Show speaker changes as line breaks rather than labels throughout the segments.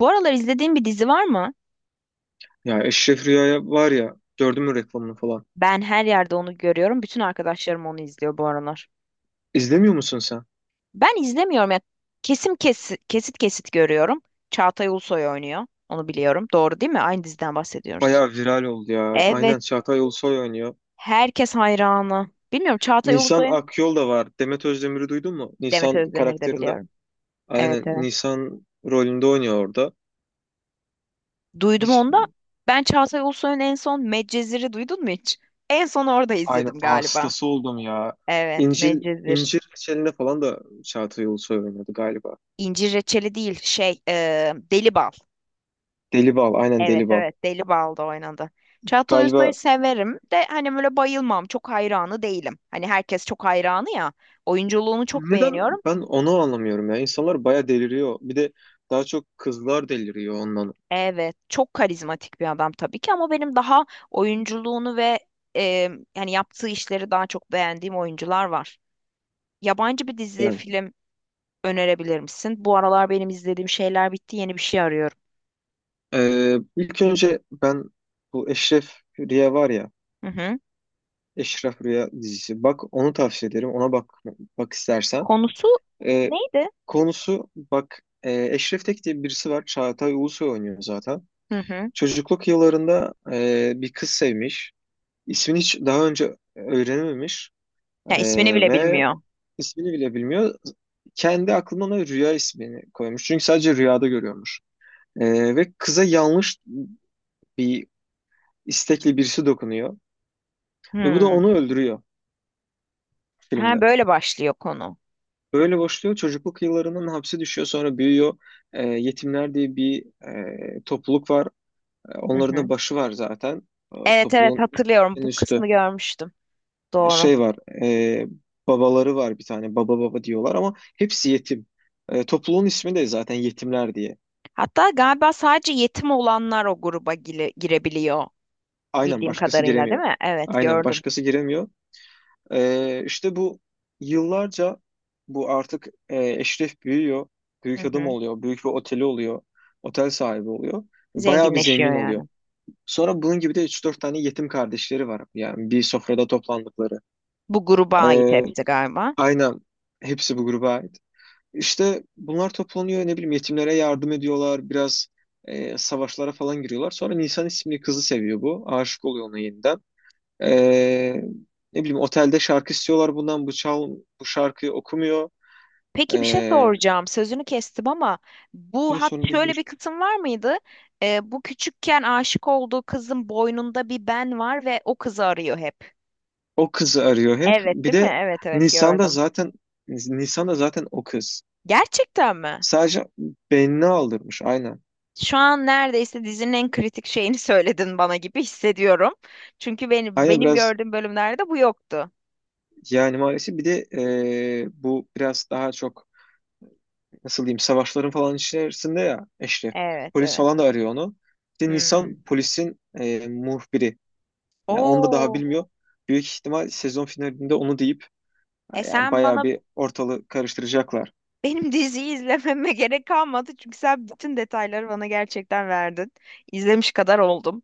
Bu aralar izlediğin bir dizi var mı?
Ya Eşref Rüya'ya var ya gördün mü reklamını falan.
Ben her yerde onu görüyorum. Bütün arkadaşlarım onu izliyor bu aralar.
İzlemiyor musun sen?
Ben izlemiyorum ya. Kesim kesit kesit kesit görüyorum. Çağatay Ulusoy oynuyor. Onu biliyorum. Doğru değil mi? Aynı diziden bahsediyoruz.
Bayağı viral oldu ya.
Evet.
Aynen Çağatay Ulusoy oynuyor.
Herkes hayranı. Bilmiyorum Çağatay
Nisan
Ulusoy'un
Akyol da var. Demet Özdemir'i duydun mu?
Demet
Nisan
Özdemir'i de
karakterinde.
biliyorum. Evet
Aynen
evet.
Nisan rolünde oynuyor orada.
Duydum
Hiç
onu da. Ben Çağatay Ulusoy'un en son Medcezir'i duydun mu hiç? En son orada
aynen
izledim galiba.
hastası oldum ya.
Evet,
İncil
Medcezir.
İncir Reçeli'nde falan da Çağatay Ulusoy oynadı galiba.
İncir reçeli değil, şey, deli bal.
Deli Bal aynen Deli
Evet
Bal.
evet Deli Bal'da oynadı. Çağatay Ulusoy'u
Galiba
severim de hani böyle bayılmam. Çok hayranı değilim. Hani herkes çok hayranı ya. Oyunculuğunu çok
neden
beğeniyorum.
Ben onu anlamıyorum ya. İnsanlar bayağı deliriyor. Bir de daha çok kızlar deliriyor ondan.
Evet çok karizmatik bir adam tabii ki ama benim daha oyunculuğunu ve e, yani yaptığı işleri daha çok beğendiğim oyuncular var. Yabancı bir dizi
Yani
film önerebilir misin? Bu aralar benim izlediğim şeyler bitti. Yeni bir şey arıyorum.
İlk önce ben bu Eşref Rüya var ya,
Hı hı.
Eşref Rüya dizisi. Bak onu tavsiye ederim. Ona bak istersen.
Konusu
Ee,
neydi?
konusu bak, Eşref Tek diye birisi var. Çağatay Ulusoy oynuyor zaten.
Hı hı.
Çocukluk yıllarında bir kız sevmiş. İsmini hiç daha önce öğrenememiş.
Ya
Ee,
ismini bile
ve
bilmiyor.
ismini bile bilmiyor. Kendi aklına Rüya ismini koymuş. Çünkü sadece rüyada görüyormuş. Ve kıza yanlış bir istekli birisi dokunuyor. Ve bu da
Hı.
onu öldürüyor
Ha
filmde.
böyle başlıyor konu.
Böyle başlıyor. Çocukluk yıllarından hapse düşüyor. Sonra büyüyor. Yetimler diye bir, topluluk var. Ee,
Hı
onların da
hı.
başı var zaten. Ee,
Evet evet
topluluğun
hatırlıyorum.
en
Bu
üstü.
kısmı görmüştüm. Doğru.
Şey var. e, babaları var bir tane. Baba baba diyorlar ama hepsi yetim. Topluluğun ismi de zaten yetimler diye.
Hatta galiba sadece yetim olanlar o gruba girebiliyor
Aynen
bildiğim
başkası
kadarıyla değil
giremiyor.
mi? Evet
Aynen
gördüm.
başkası giremiyor. İşte bu yıllarca bu artık, Eşref büyüyor.
Hı
Büyük adam
hı.
oluyor. Büyük bir oteli oluyor. Otel sahibi oluyor. Bayağı bir
Zenginleşiyor
zengin oluyor.
yani.
Sonra bunun gibi de üç dört tane yetim kardeşleri var. Yani bir sofrada toplandıkları.
Bu gruba ait
Ee,
hepsi galiba.
aynen. Hepsi bu gruba ait. İşte bunlar toplanıyor. Ne bileyim yetimlere yardım ediyorlar. Biraz savaşlara falan giriyorlar. Sonra Nisan isimli kızı seviyor bu. Aşık oluyor ona yeniden. Ee, ne bileyim otelde şarkı istiyorlar bundan, bu şarkıyı okumuyor.
Peki bir şey
Ee,
soracağım. Sözünü kestim ama
diyor
bu hat
sorun değil,
şöyle
buyur.
bir kısım var mıydı? Bu küçükken aşık olduğu kızın boynunda bir ben var ve o kızı arıyor hep.
O kızı arıyor hep.
Evet
Bir
değil mi?
de
Evet evet
Nisan'da
gördüm.
zaten Nisan'da zaten o kız.
Gerçekten mi?
Sadece beynini aldırmış aynen.
Şu an neredeyse dizinin en kritik şeyini söyledin bana gibi hissediyorum. Çünkü benim
Aynen
benim
biraz,
gördüğüm bölümlerde bu yoktu.
yani maalesef bir de bu biraz daha çok nasıl diyeyim savaşların falan içerisinde ya Eşref.
Evet,
Polis
evet.
falan da arıyor onu. İşte Nisan
Hmm.
polisin muhbiri. Yani onu da daha
Oo.
bilmiyor. Büyük ihtimal sezon finalinde onu deyip. Yani
Sen bana
bayağı bir ortalığı karıştıracaklar.
benim diziyi izlememe gerek kalmadı çünkü sen bütün detayları bana gerçekten verdin. İzlemiş kadar oldum.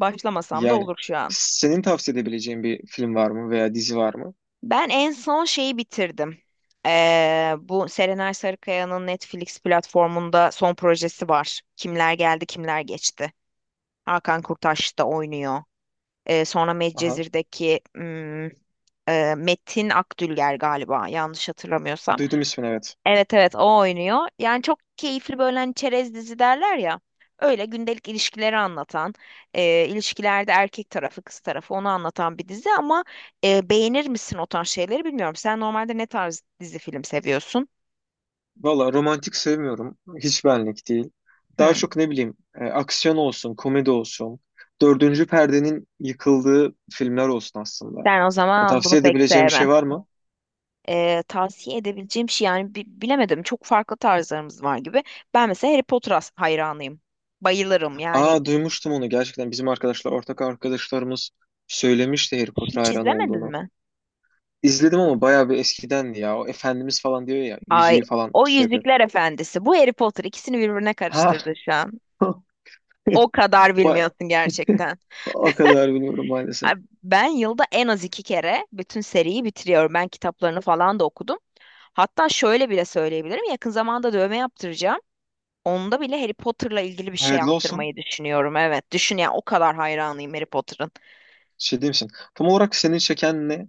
Başlamasam da
Yani
olur şu an.
senin tavsiye edebileceğin bir film var mı veya dizi var mı?
Ben en son şeyi bitirdim. Bu Serenay Sarıkaya'nın Netflix platformunda son projesi var. Kimler geldi, kimler geçti. Hakan Kurtaş da oynuyor. Sonra
Aha,
Medcezir'deki Metin Akdülger galiba yanlış hatırlamıyorsam.
duydum ismini, evet.
Evet evet o oynuyor. Yani çok keyifli böyle hani çerez dizi derler ya. Öyle gündelik ilişkileri anlatan, ilişkilerde erkek tarafı kız tarafı onu anlatan bir dizi ama beğenir misin o tarz şeyleri bilmiyorum. Sen normalde ne tarz dizi film seviyorsun?
Valla romantik sevmiyorum. Hiç benlik değil. Daha
Hmm.
çok ne bileyim, aksiyon olsun, komedi olsun. Dördüncü perdenin yıkıldığı filmler olsun aslında.
Sen o
Yani
zaman bunu
tavsiye
pek
edebileceğim bir şey
sevme.
var mı?
Tavsiye edebileceğim şey yani bilemedim. Çok farklı tarzlarımız var gibi. Ben mesela Harry Potter as hayranıyım. Bayılırım yani.
Aa, duymuştum onu gerçekten. Bizim arkadaşlar, ortak arkadaşlarımız söylemişti Harry Potter
Hiç
hayranı
izlemedin
olduğunu.
mi?
İzledim ama bayağı bir eskidendi ya. O Efendimiz falan diyor ya.
Ay,
Yüzüğü falan
o
şey yapıyor.
Yüzükler Efendisi. Bu Harry Potter, ikisini birbirine
Ha.
karıştırdı şu an. O kadar
Ba-
bilmiyorsun gerçekten.
O kadar bilmiyorum maalesef.
Ay, ben yılda en az 2 kere bütün seriyi bitiriyorum. Ben kitaplarını falan da okudum. Hatta şöyle bile söyleyebilirim. Yakın zamanda dövme yaptıracağım. Onda bile Harry Potter'la ilgili bir şey
Hayırlı olsun.
yaptırmayı düşünüyorum. Evet, düşün ya, o kadar hayranıyım Harry Potter'ın.
Şey diyeyim misin? Tam olarak seni çeken ne?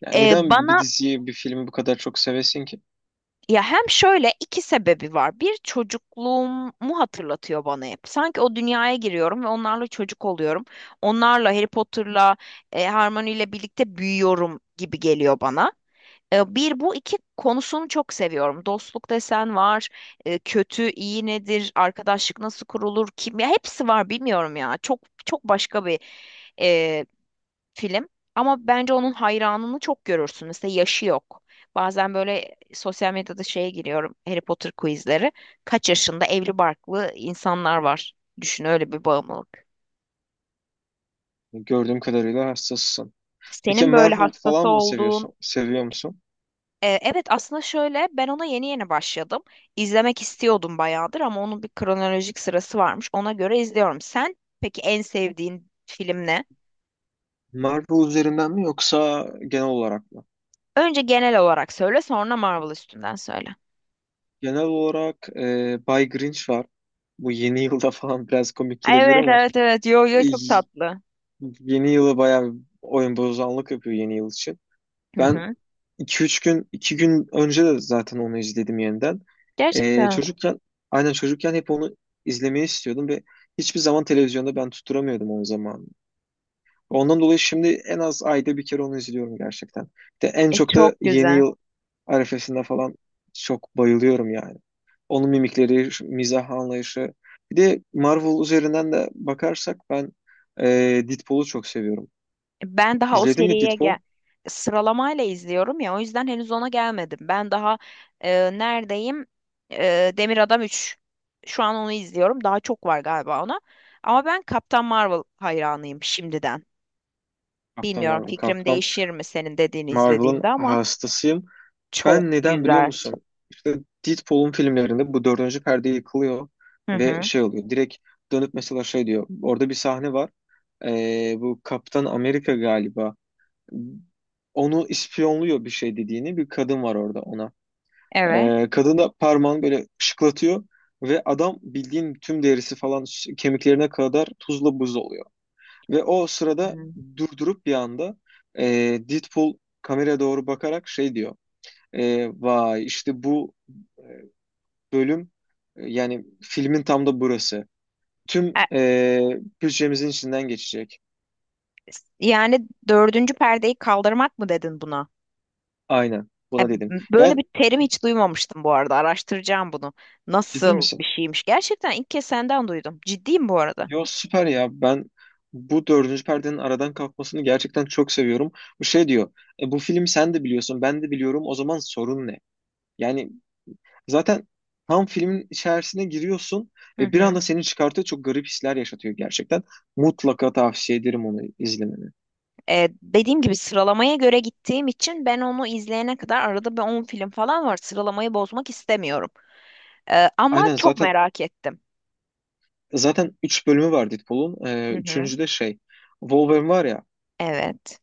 Yani
Ee,
neden bir
bana
diziyi, bir filmi bu kadar çok sevesin ki?
ya, hem şöyle iki sebebi var. Bir, çocukluğumu hatırlatıyor bana hep. Sanki o dünyaya giriyorum ve onlarla çocuk oluyorum. Onlarla Harry Potter'la Hermione ile birlikte büyüyorum gibi geliyor bana. Bir bu iki konusunu çok seviyorum. Dostluk desen var, kötü iyi nedir, arkadaşlık nasıl kurulur, kim, ya hepsi var bilmiyorum ya. Çok çok başka bir film. Ama bence onun hayranını çok görürsün. Mesela yaşı yok. Bazen böyle sosyal medyada şeye giriyorum. Harry Potter quizleri. Kaç yaşında evli barklı insanlar var. Düşün, öyle bir bağımlılık.
Gördüğüm kadarıyla hassasısın. Peki
Senin böyle
Marvel
hastası
falan mı
olduğun...
seviyorsun? Seviyor musun?
Evet aslında şöyle, ben ona yeni yeni başladım. İzlemek istiyordum bayağıdır ama onun bir kronolojik sırası varmış. Ona göre izliyorum. Sen peki en sevdiğin film ne?
Marvel üzerinden mi, yoksa genel olarak mı?
Önce genel olarak söyle, sonra Marvel üstünden söyle.
Genel olarak, Bay Grinch var. Bu yeni yılda falan biraz komik gelebilir
Evet
ama
evet evet. Yo yo,
e,
çok tatlı.
yeni yıla bayağı oyun bozanlık yapıyor yeni yıl için.
Hı
Ben
hı.
iki üç gün, iki gün önce de zaten onu izledim yeniden. Ee,
Gerçekten
çocukken, aynen çocukken hep onu izlemeyi istiyordum ve hiçbir zaman televizyonda ben tutturamıyordum onun zamanını. Ondan dolayı şimdi en az ayda bir kere onu izliyorum gerçekten. De en çok
çok
da yeni
güzel.
yıl arifesinde falan çok bayılıyorum yani. Onun mimikleri, şu mizah anlayışı. Bir de Marvel üzerinden de bakarsak ben e, Deadpool'u çok seviyorum.
Ben daha o
İzledin mi
seriye
Deadpool?
sıralamayla izliyorum ya, o yüzden henüz ona gelmedim. Ben daha neredeyim? E, Demir Adam 3. Şu an onu izliyorum. Daha çok var galiba ona. Ama ben Kaptan Marvel hayranıyım şimdiden.
Captain
Bilmiyorum
Marvel.
fikrim
Captain
değişir mi senin dediğini
Marvel'ın
izlediğimde ama
hastasıyım.
çok
Ben neden biliyor
güzel.
musun? İşte Deadpool'un filmlerinde bu dördüncü perde yıkılıyor
Hı
ve
hı.
şey oluyor. Direkt dönüp mesela şey diyor. Orada bir sahne var. Bu Kaptan Amerika galiba. Onu ispiyonluyor bir şey dediğini. Bir kadın var orada ona.
Evet.
Kadın da parmağını böyle şıklatıyor. Ve adam bildiğin tüm derisi falan, kemiklerine kadar tuzla buz oluyor. Ve o sırada
Hı.
durdurup bir anda ee, Deadpool kameraya doğru bakarak şey diyor. Vay işte bu bölüm, yani filmin tam da burası. Tüm
E,
bütçemizin içinden geçecek.
yani dördüncü perdeyi kaldırmak mı dedin buna?
Aynen
E,
buna dedim.
Böyle
Yani
bir terim hiç duymamıştım bu arada. Araştıracağım bunu.
ciddi
Nasıl
misin?
bir şeymiş? Gerçekten ilk kez senden duydum. Ciddiyim bu arada.
Yo, süper ya, ben bu dördüncü perdenin aradan kalkmasını gerçekten çok seviyorum. Bu şey diyor, bu film sen de biliyorsun, ben de biliyorum, o zaman sorun ne? Yani zaten tam filmin içerisine giriyorsun
Hı
ve bir
hı.
anda seni çıkartıyor, çok garip hisler yaşatıyor gerçekten. Mutlaka tavsiye ederim onu izlemeni.
Dediğim gibi sıralamaya göre gittiğim için ben onu izleyene kadar arada bir 10 film falan var. Sıralamayı bozmak istemiyorum. Ama
Aynen
çok
zaten
merak ettim.
Zaten 3 bölümü var Deadpool'un. Ee,
Hı hı.
üçüncü de şey. Wolverine var ya,
Evet.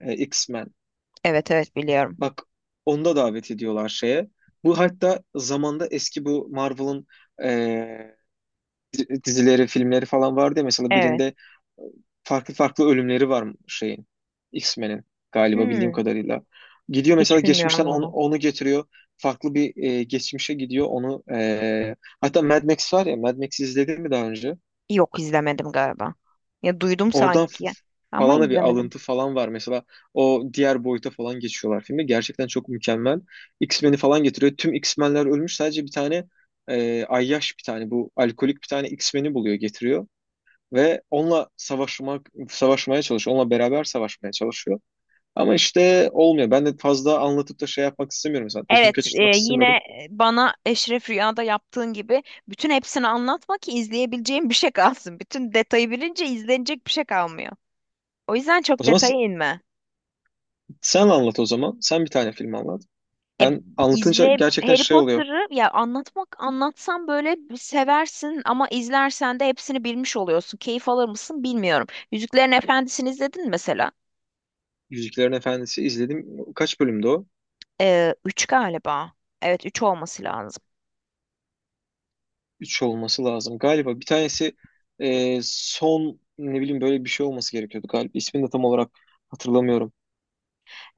X-Men.
Evet evet biliyorum.
Bak, onda davet ediyorlar şeye. Bu hatta zamanda eski bu Marvel'ın e, dizileri, filmleri falan vardı ya. Mesela
Evet.
birinde e, farklı farklı ölümleri var şeyin. X-Men'in galiba bildiğim
Hmm,
kadarıyla. Gidiyor mesela
hiç
geçmişten
bilmiyorum
onu,
onu.
onu getiriyor. Farklı bir geçmişe gidiyor onu. Hatta Mad Max var ya. Mad Max'i izledin mi daha önce?
Yok izlemedim galiba. Ya duydum
Oradan
sanki ama
falan da bir
izlemedim.
alıntı falan var. Mesela o diğer boyuta falan geçiyorlar filmde. Gerçekten çok mükemmel. X-Men'i falan getiriyor. Tüm X-Men'ler ölmüş. Sadece bir tane ayyaş, bir tane bu alkolik, bir tane X-Men'i buluyor getiriyor. Ve onunla savaşmak, savaşmaya çalışıyor. Onunla beraber savaşmaya çalışıyor. Ama işte olmuyor. Ben de fazla anlatıp da şey yapmak istemiyorum. Mesela tadını
Evet,
kaçırtmak
yine
istemiyorum.
bana Eşref Rüya'da yaptığın gibi bütün hepsini anlatma ki izleyebileceğim bir şey kalsın. Bütün detayı bilince izlenecek bir şey kalmıyor. O yüzden
O
çok
zaman
detaya inme.
sen anlat o zaman. Sen bir tane film anlat.
E,
Ben anlatınca
izle
gerçekten
Harry
şey oluyor.
Potter'ı ya, anlatmak anlatsam böyle bir seversin ama izlersen de hepsini bilmiş oluyorsun. Keyif alır mısın bilmiyorum. Yüzüklerin Efendisi'ni izledin mi mesela?
Yüzüklerin Efendisi izledim. Kaç bölümdü o?
Üç galiba. Evet üç olması lazım.
Üç olması lazım. Galiba bir tanesi son ne bileyim, böyle bir şey olması gerekiyordu galiba. İsmini de tam olarak hatırlamıyorum.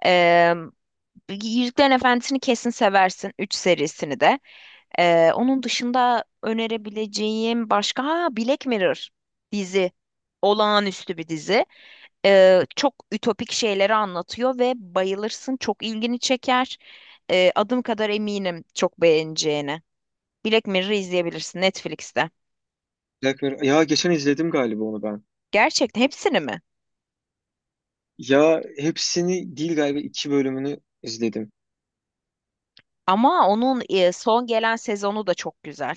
Ee, Yüzüklerin Efendisi'ni kesin seversin. 3 serisini de. Onun dışında önerebileceğim başka, ha, Black Mirror dizi. Olağanüstü bir dizi. Çok ütopik şeyleri anlatıyor ve bayılırsın. Çok ilgini çeker. Adım kadar eminim çok beğeneceğine. Black Mirror'ı izleyebilirsin Netflix'te.
Black Mirror. Ya geçen izledim galiba onu ben.
Gerçekten hepsini mi?
Ya hepsini değil, galiba iki bölümünü izledim.
Ama onun son gelen sezonu da çok güzel.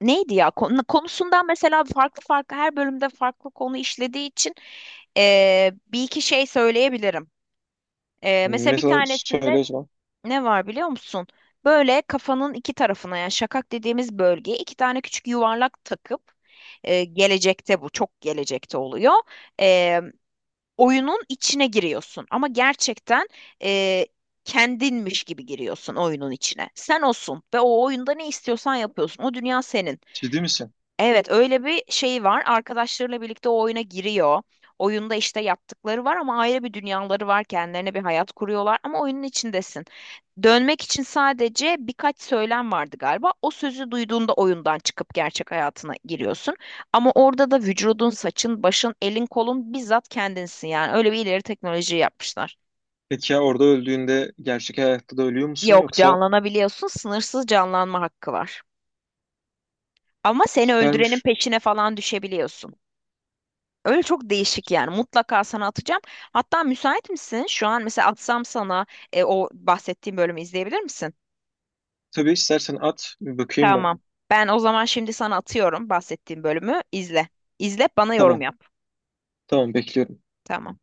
Neydi ya konusundan mesela, farklı farklı her bölümde farklı konu işlediği için bir iki şey söyleyebilirim. Mesela bir
Mesela söyle
tanesinde
o zaman.
ne var biliyor musun? Böyle kafanın iki tarafına yani şakak dediğimiz bölgeye iki tane küçük yuvarlak takıp gelecekte, bu çok gelecekte oluyor. Eee, oyunun içine giriyorsun ama gerçekten eee, kendinmiş gibi giriyorsun oyunun içine. Sen olsun ve o oyunda ne istiyorsan yapıyorsun. O dünya senin.
Ciddi misin?
Evet, öyle bir şey var. Arkadaşlarıyla birlikte o oyuna giriyor. Oyunda işte yaptıkları var ama ayrı bir dünyaları var. Kendilerine bir hayat kuruyorlar ama oyunun içindesin. Dönmek için sadece birkaç söylem vardı galiba. O sözü duyduğunda oyundan çıkıp gerçek hayatına giriyorsun. Ama orada da vücudun, saçın, başın, elin, kolun bizzat kendinsin. Yani öyle bir ileri teknoloji yapmışlar.
Peki ya orada öldüğünde gerçek hayatta da ölüyor musun,
Yok,
yoksa
canlanabiliyorsun. Sınırsız canlanma hakkı var. Ama seni öldürenin
süpermiş.
peşine falan düşebiliyorsun. Öyle çok değişik yani. Mutlaka sana atacağım. Hatta müsait misin? Şu an mesela atsam sana o bahsettiğim bölümü izleyebilir misin?
Tabii, istersen at bir bakayım ben.
Tamam. Ben o zaman şimdi sana atıyorum bahsettiğim bölümü. İzle. İzle bana yorum
Tamam.
yap.
Tamam, bekliyorum.
Tamam.